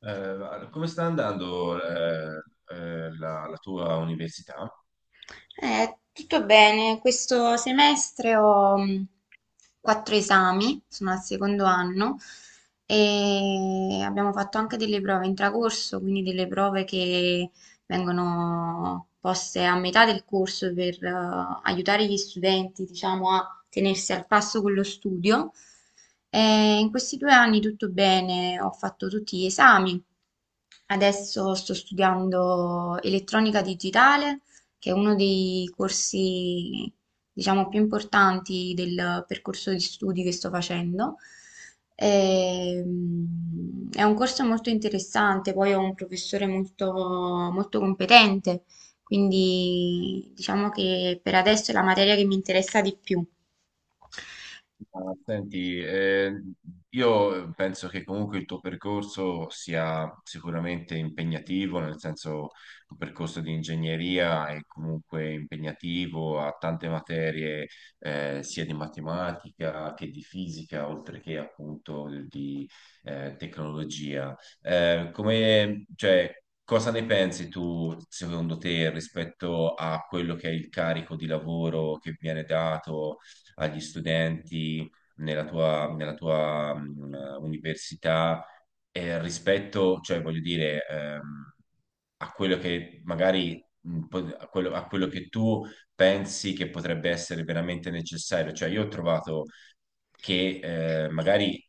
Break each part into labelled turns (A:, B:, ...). A: Come sta andando la tua università?
B: Tutto bene, questo semestre ho quattro esami, sono al secondo anno e abbiamo fatto anche delle prove intracorso, quindi delle prove che vengono poste a metà del corso per aiutare gli studenti, diciamo, a tenersi al passo con lo studio. E in questi 2 anni tutto bene, ho fatto tutti gli esami. Adesso sto studiando elettronica digitale, che è uno dei corsi, diciamo, più importanti del percorso di studi che sto facendo. È un corso molto interessante, poi ho un professore molto, molto competente, quindi diciamo che per adesso è la materia che mi interessa di più.
A: Ma senti, io penso che comunque il tuo percorso sia sicuramente impegnativo, nel senso un percorso di ingegneria è comunque impegnativo, ha tante materie sia di matematica che di fisica, oltre che appunto di tecnologia. Cioè, cosa ne pensi tu, secondo te, rispetto a quello che è il carico di lavoro che viene dato agli studenti nella tua università rispetto, cioè voglio dire, a quello che magari a a quello che tu pensi che potrebbe essere veramente necessario. Cioè, io ho trovato che magari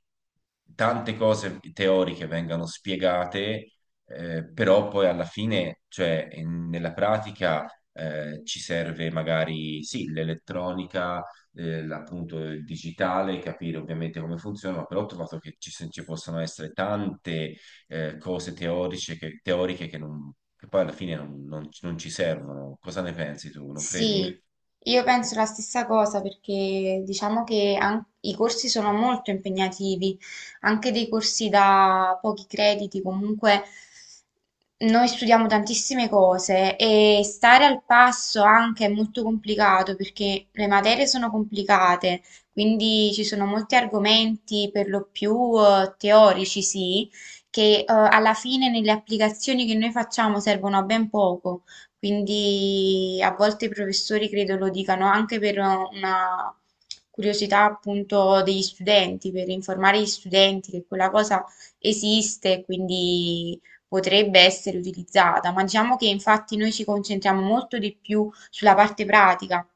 A: tante cose teoriche vengano spiegate, però poi alla fine, cioè nella pratica, ci serve magari sì, l'elettronica, appunto il digitale, capire ovviamente come funziona, ma però ho trovato che ci, se- ci possono essere tante cose teoriche che non, che poi alla fine non ci servono. Cosa ne pensi tu? Non
B: Sì,
A: credi?
B: io penso la stessa cosa, perché diciamo che i corsi sono molto impegnativi, anche dei corsi da pochi crediti. Comunque noi studiamo tantissime cose e stare al passo anche è molto complicato, perché le materie sono complicate, quindi ci sono molti argomenti per lo più teorici, sì, che alla fine nelle applicazioni che noi facciamo servono a ben poco. Quindi a volte i professori credo lo dicano anche per una curiosità, appunto, degli studenti, per informare gli studenti che quella cosa esiste e quindi potrebbe essere utilizzata, ma diciamo che infatti noi ci concentriamo molto di più sulla parte pratica,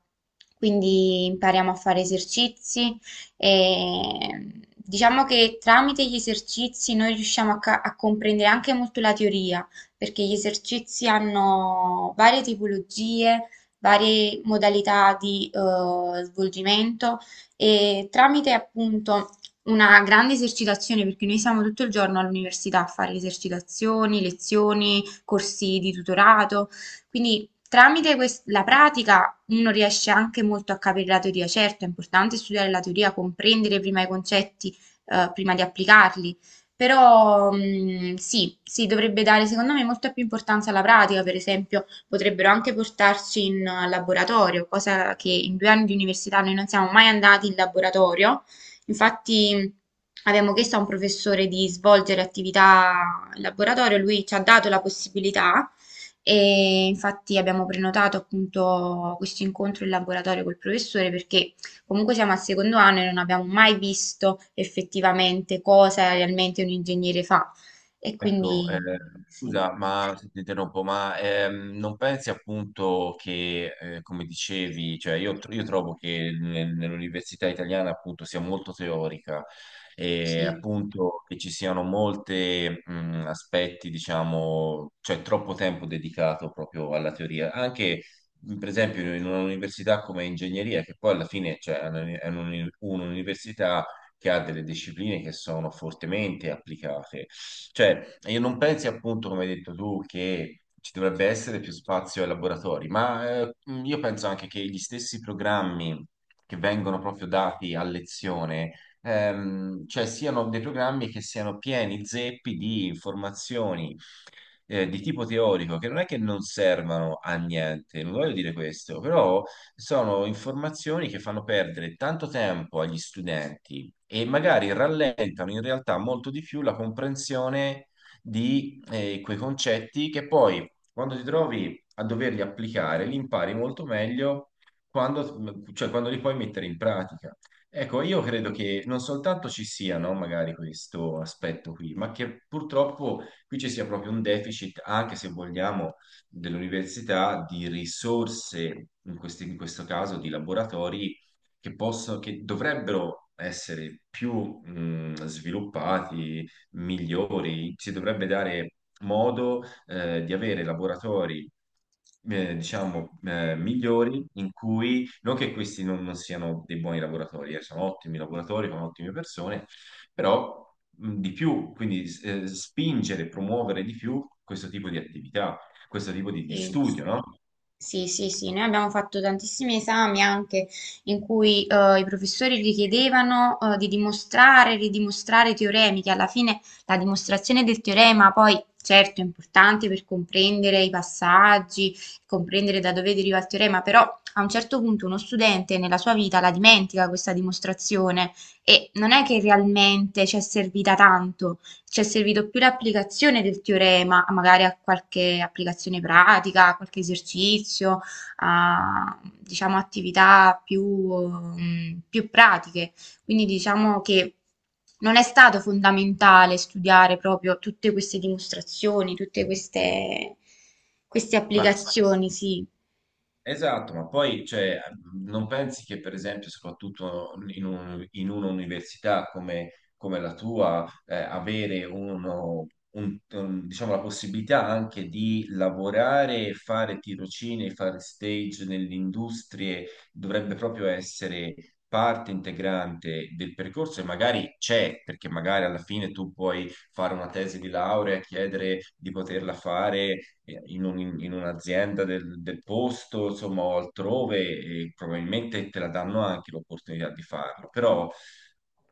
B: quindi impariamo a fare esercizi, e diciamo che tramite gli esercizi noi riusciamo a comprendere anche molto la teoria, perché gli esercizi hanno varie tipologie, varie modalità di svolgimento, e tramite appunto una grande esercitazione, perché noi siamo tutto il giorno all'università a fare esercitazioni, lezioni, corsi di tutorato, quindi tramite la pratica uno riesce anche molto a capire la teoria. Certo, è importante studiare la teoria, comprendere prima i concetti, prima di applicarli, però sì, sì, dovrebbe dare secondo me molta più importanza alla pratica. Per esempio, potrebbero anche portarci in laboratorio, cosa che in 2 anni di università noi non siamo mai andati in laboratorio. Infatti, abbiamo chiesto a un professore di svolgere attività in laboratorio, lui ci ha dato la possibilità e infatti abbiamo prenotato appunto questo incontro in laboratorio col professore, perché comunque siamo al secondo anno e non abbiamo mai visto effettivamente cosa realmente un ingegnere fa. E
A: Ecco,
B: quindi sì,
A: scusa, ma se ti interrompo, ma non pensi appunto che, come dicevi, cioè io trovo che nell'università italiana appunto sia molto teorica e
B: sì,
A: appunto che ci siano molti aspetti, diciamo, cioè troppo tempo dedicato proprio alla teoria, anche per esempio in un'università come ingegneria, che poi alla fine cioè, è è un'università che ha delle discipline che sono fortemente applicate. Cioè, e non pensi appunto, come hai detto tu, che ci dovrebbe essere più spazio ai laboratori, ma io penso anche che gli stessi programmi che vengono proprio dati a lezione, cioè siano dei programmi che siano pieni zeppi di informazioni di tipo teorico, che non è che non servano a niente, non voglio dire questo, però sono informazioni che fanno perdere tanto tempo agli studenti e magari rallentano in realtà molto di più la comprensione di quei concetti che poi quando ti trovi a doverli applicare li impari molto meglio quando, cioè, quando li puoi mettere in pratica. Ecco, io credo che non soltanto ci sia, no, magari questo aspetto qui, ma che purtroppo qui ci sia proprio un deficit, anche se vogliamo, dell'università di risorse, in in questo caso di laboratori che che dovrebbero essere più sviluppati, migliori, si dovrebbe dare modo di avere laboratori, diciamo, migliori, in cui non che questi non siano dei buoni lavoratori, sono ottimi lavoratori, sono ottime persone, però di più, quindi spingere, promuovere di più questo tipo di attività, questo tipo di
B: sì.
A: studio, no?
B: Sì, sì, sì, noi abbiamo fatto tantissimi esami anche in cui i professori richiedevano di dimostrare, ridimostrare teoremi, che alla fine la dimostrazione del teorema poi certo è importante per comprendere i passaggi, comprendere da dove deriva il teorema, però a un certo punto uno studente nella sua vita la dimentica questa dimostrazione, e non è che realmente ci è servita tanto. Ci è servito più l'applicazione del teorema, magari a qualche applicazione pratica, a qualche esercizio, a diciamo attività più, più pratiche. Quindi diciamo che non è stato fondamentale studiare proprio tutte queste dimostrazioni, tutte queste, queste
A: Ma
B: applicazioni, sì.
A: Esatto, ma poi cioè, non pensi che per esempio, soprattutto in un'università come, come la tua, avere diciamo, la possibilità anche di lavorare, fare tirocini, fare stage nelle industrie, dovrebbe proprio essere parte integrante del percorso e magari c'è, perché magari alla fine tu puoi fare una tesi di laurea e chiedere di poterla fare in un'azienda del posto, insomma, o altrove, e probabilmente te la danno anche l'opportunità di farlo. Però,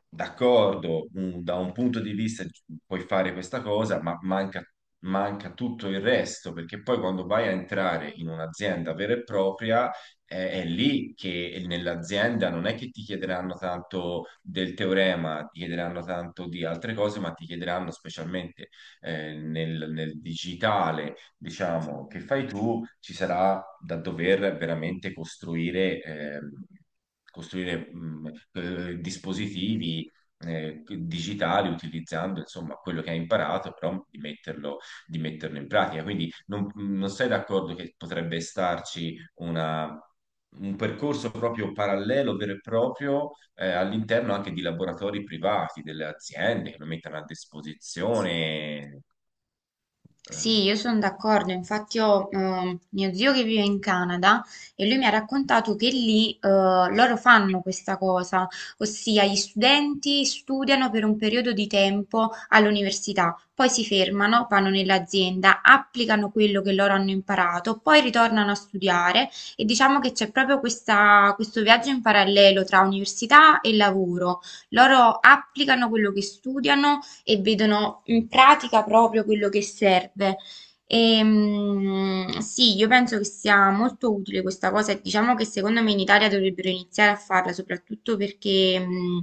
A: d'accordo, da un punto di vista puoi fare questa cosa, ma manca tutto il resto, perché poi quando vai a entrare in un'azienda vera e propria, è lì che nell'azienda non è che ti chiederanno tanto del teorema, ti chiederanno tanto di altre cose, ma ti chiederanno specialmente nel digitale, diciamo, che fai tu, ci sarà da dover veramente costruire, costruire dispositivi digitali utilizzando insomma quello che hai imparato, però di di metterlo in pratica. Quindi non sei d'accordo che potrebbe starci un percorso proprio parallelo, vero e proprio, all'interno anche di laboratori privati, delle aziende che lo mettano a disposizione.
B: Sì,
A: ehm,
B: io sono d'accordo, infatti ho mio zio che vive in Canada, e lui mi ha raccontato che lì loro fanno questa cosa, ossia gli studenti studiano per un periodo di tempo all'università, poi si fermano, vanno nell'azienda, applicano quello che loro hanno imparato, poi ritornano a studiare, e diciamo che c'è proprio questo viaggio in parallelo tra università e lavoro. Loro applicano quello che studiano e vedono in pratica proprio quello che serve. E, sì, io penso che sia molto utile questa cosa e diciamo che secondo me in Italia dovrebbero iniziare a farla, soprattutto perché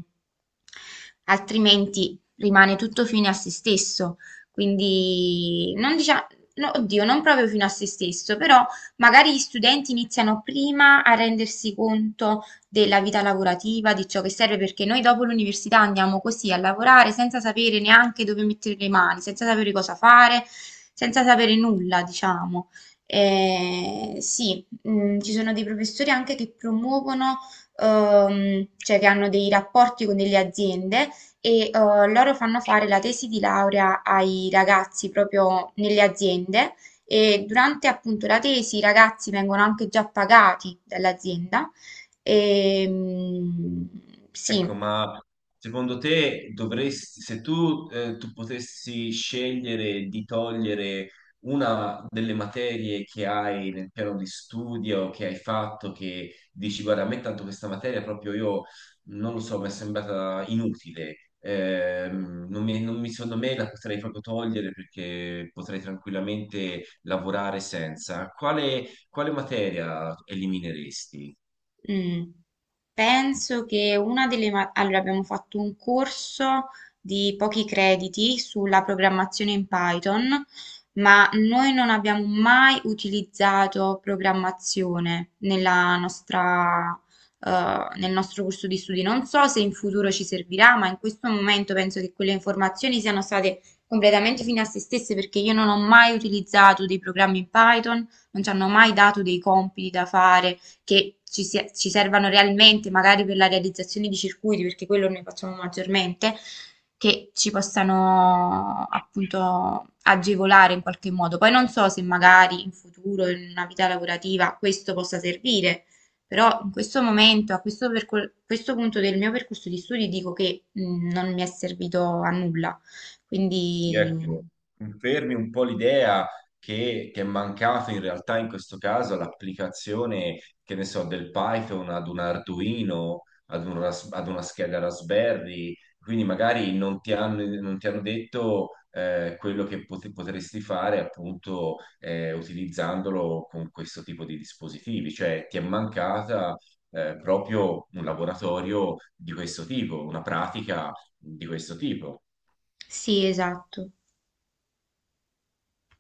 B: altrimenti rimane tutto fine a se stesso. Quindi non diciamo, no, oddio, non proprio fino a se stesso, però magari gli studenti iniziano prima a rendersi conto della vita lavorativa, di ciò che serve, perché noi dopo l'università andiamo così a lavorare senza sapere neanche dove mettere le mani, senza sapere cosa fare, senza sapere nulla, diciamo. Sì, ci sono dei professori anche che promuovono, cioè che hanno dei rapporti con delle aziende, e loro fanno fare la tesi di laurea ai ragazzi proprio nelle aziende, e durante appunto la tesi i ragazzi vengono anche già pagati dall'azienda. Ehm, sì.
A: Ecco, ma secondo te dovresti, se tu, tu potessi scegliere di togliere una delle materie che hai nel piano di studio, che hai fatto, che dici, guarda, a me tanto questa materia proprio io, non lo so, mi è sembrata inutile, non non mi- secondo me la potrei proprio togliere perché potrei tranquillamente lavorare senza. Quale materia elimineresti?
B: Mh. Penso che una delle ma allora abbiamo fatto un corso di pochi crediti sulla programmazione in Python, ma noi non abbiamo mai utilizzato programmazione nel nostro corso di studi. Non so se in futuro ci servirà, ma in questo momento penso che quelle informazioni siano state completamente fine a se stesse, perché io non ho mai utilizzato dei programmi in Python, non ci hanno mai dato dei compiti da fare che ci servano realmente, magari per la realizzazione di circuiti, perché quello noi facciamo maggiormente, che ci possano appunto agevolare in qualche modo. Poi non so se magari in futuro, in una vita lavorativa, questo possa servire. Però in questo momento, questo punto del mio percorso di studi, dico che non mi è servito a nulla. Quindi
A: Ecco, confermi un po' l'idea che ti è mancato in realtà in questo caso l'applicazione, che ne so, del Python ad un Arduino, ad ad una scheda Raspberry, quindi magari non ti hanno, non ti hanno detto quello che potresti fare appunto utilizzandolo con questo tipo di dispositivi, cioè ti è mancata proprio un laboratorio di questo tipo, una pratica di questo tipo.
B: sì, esatto.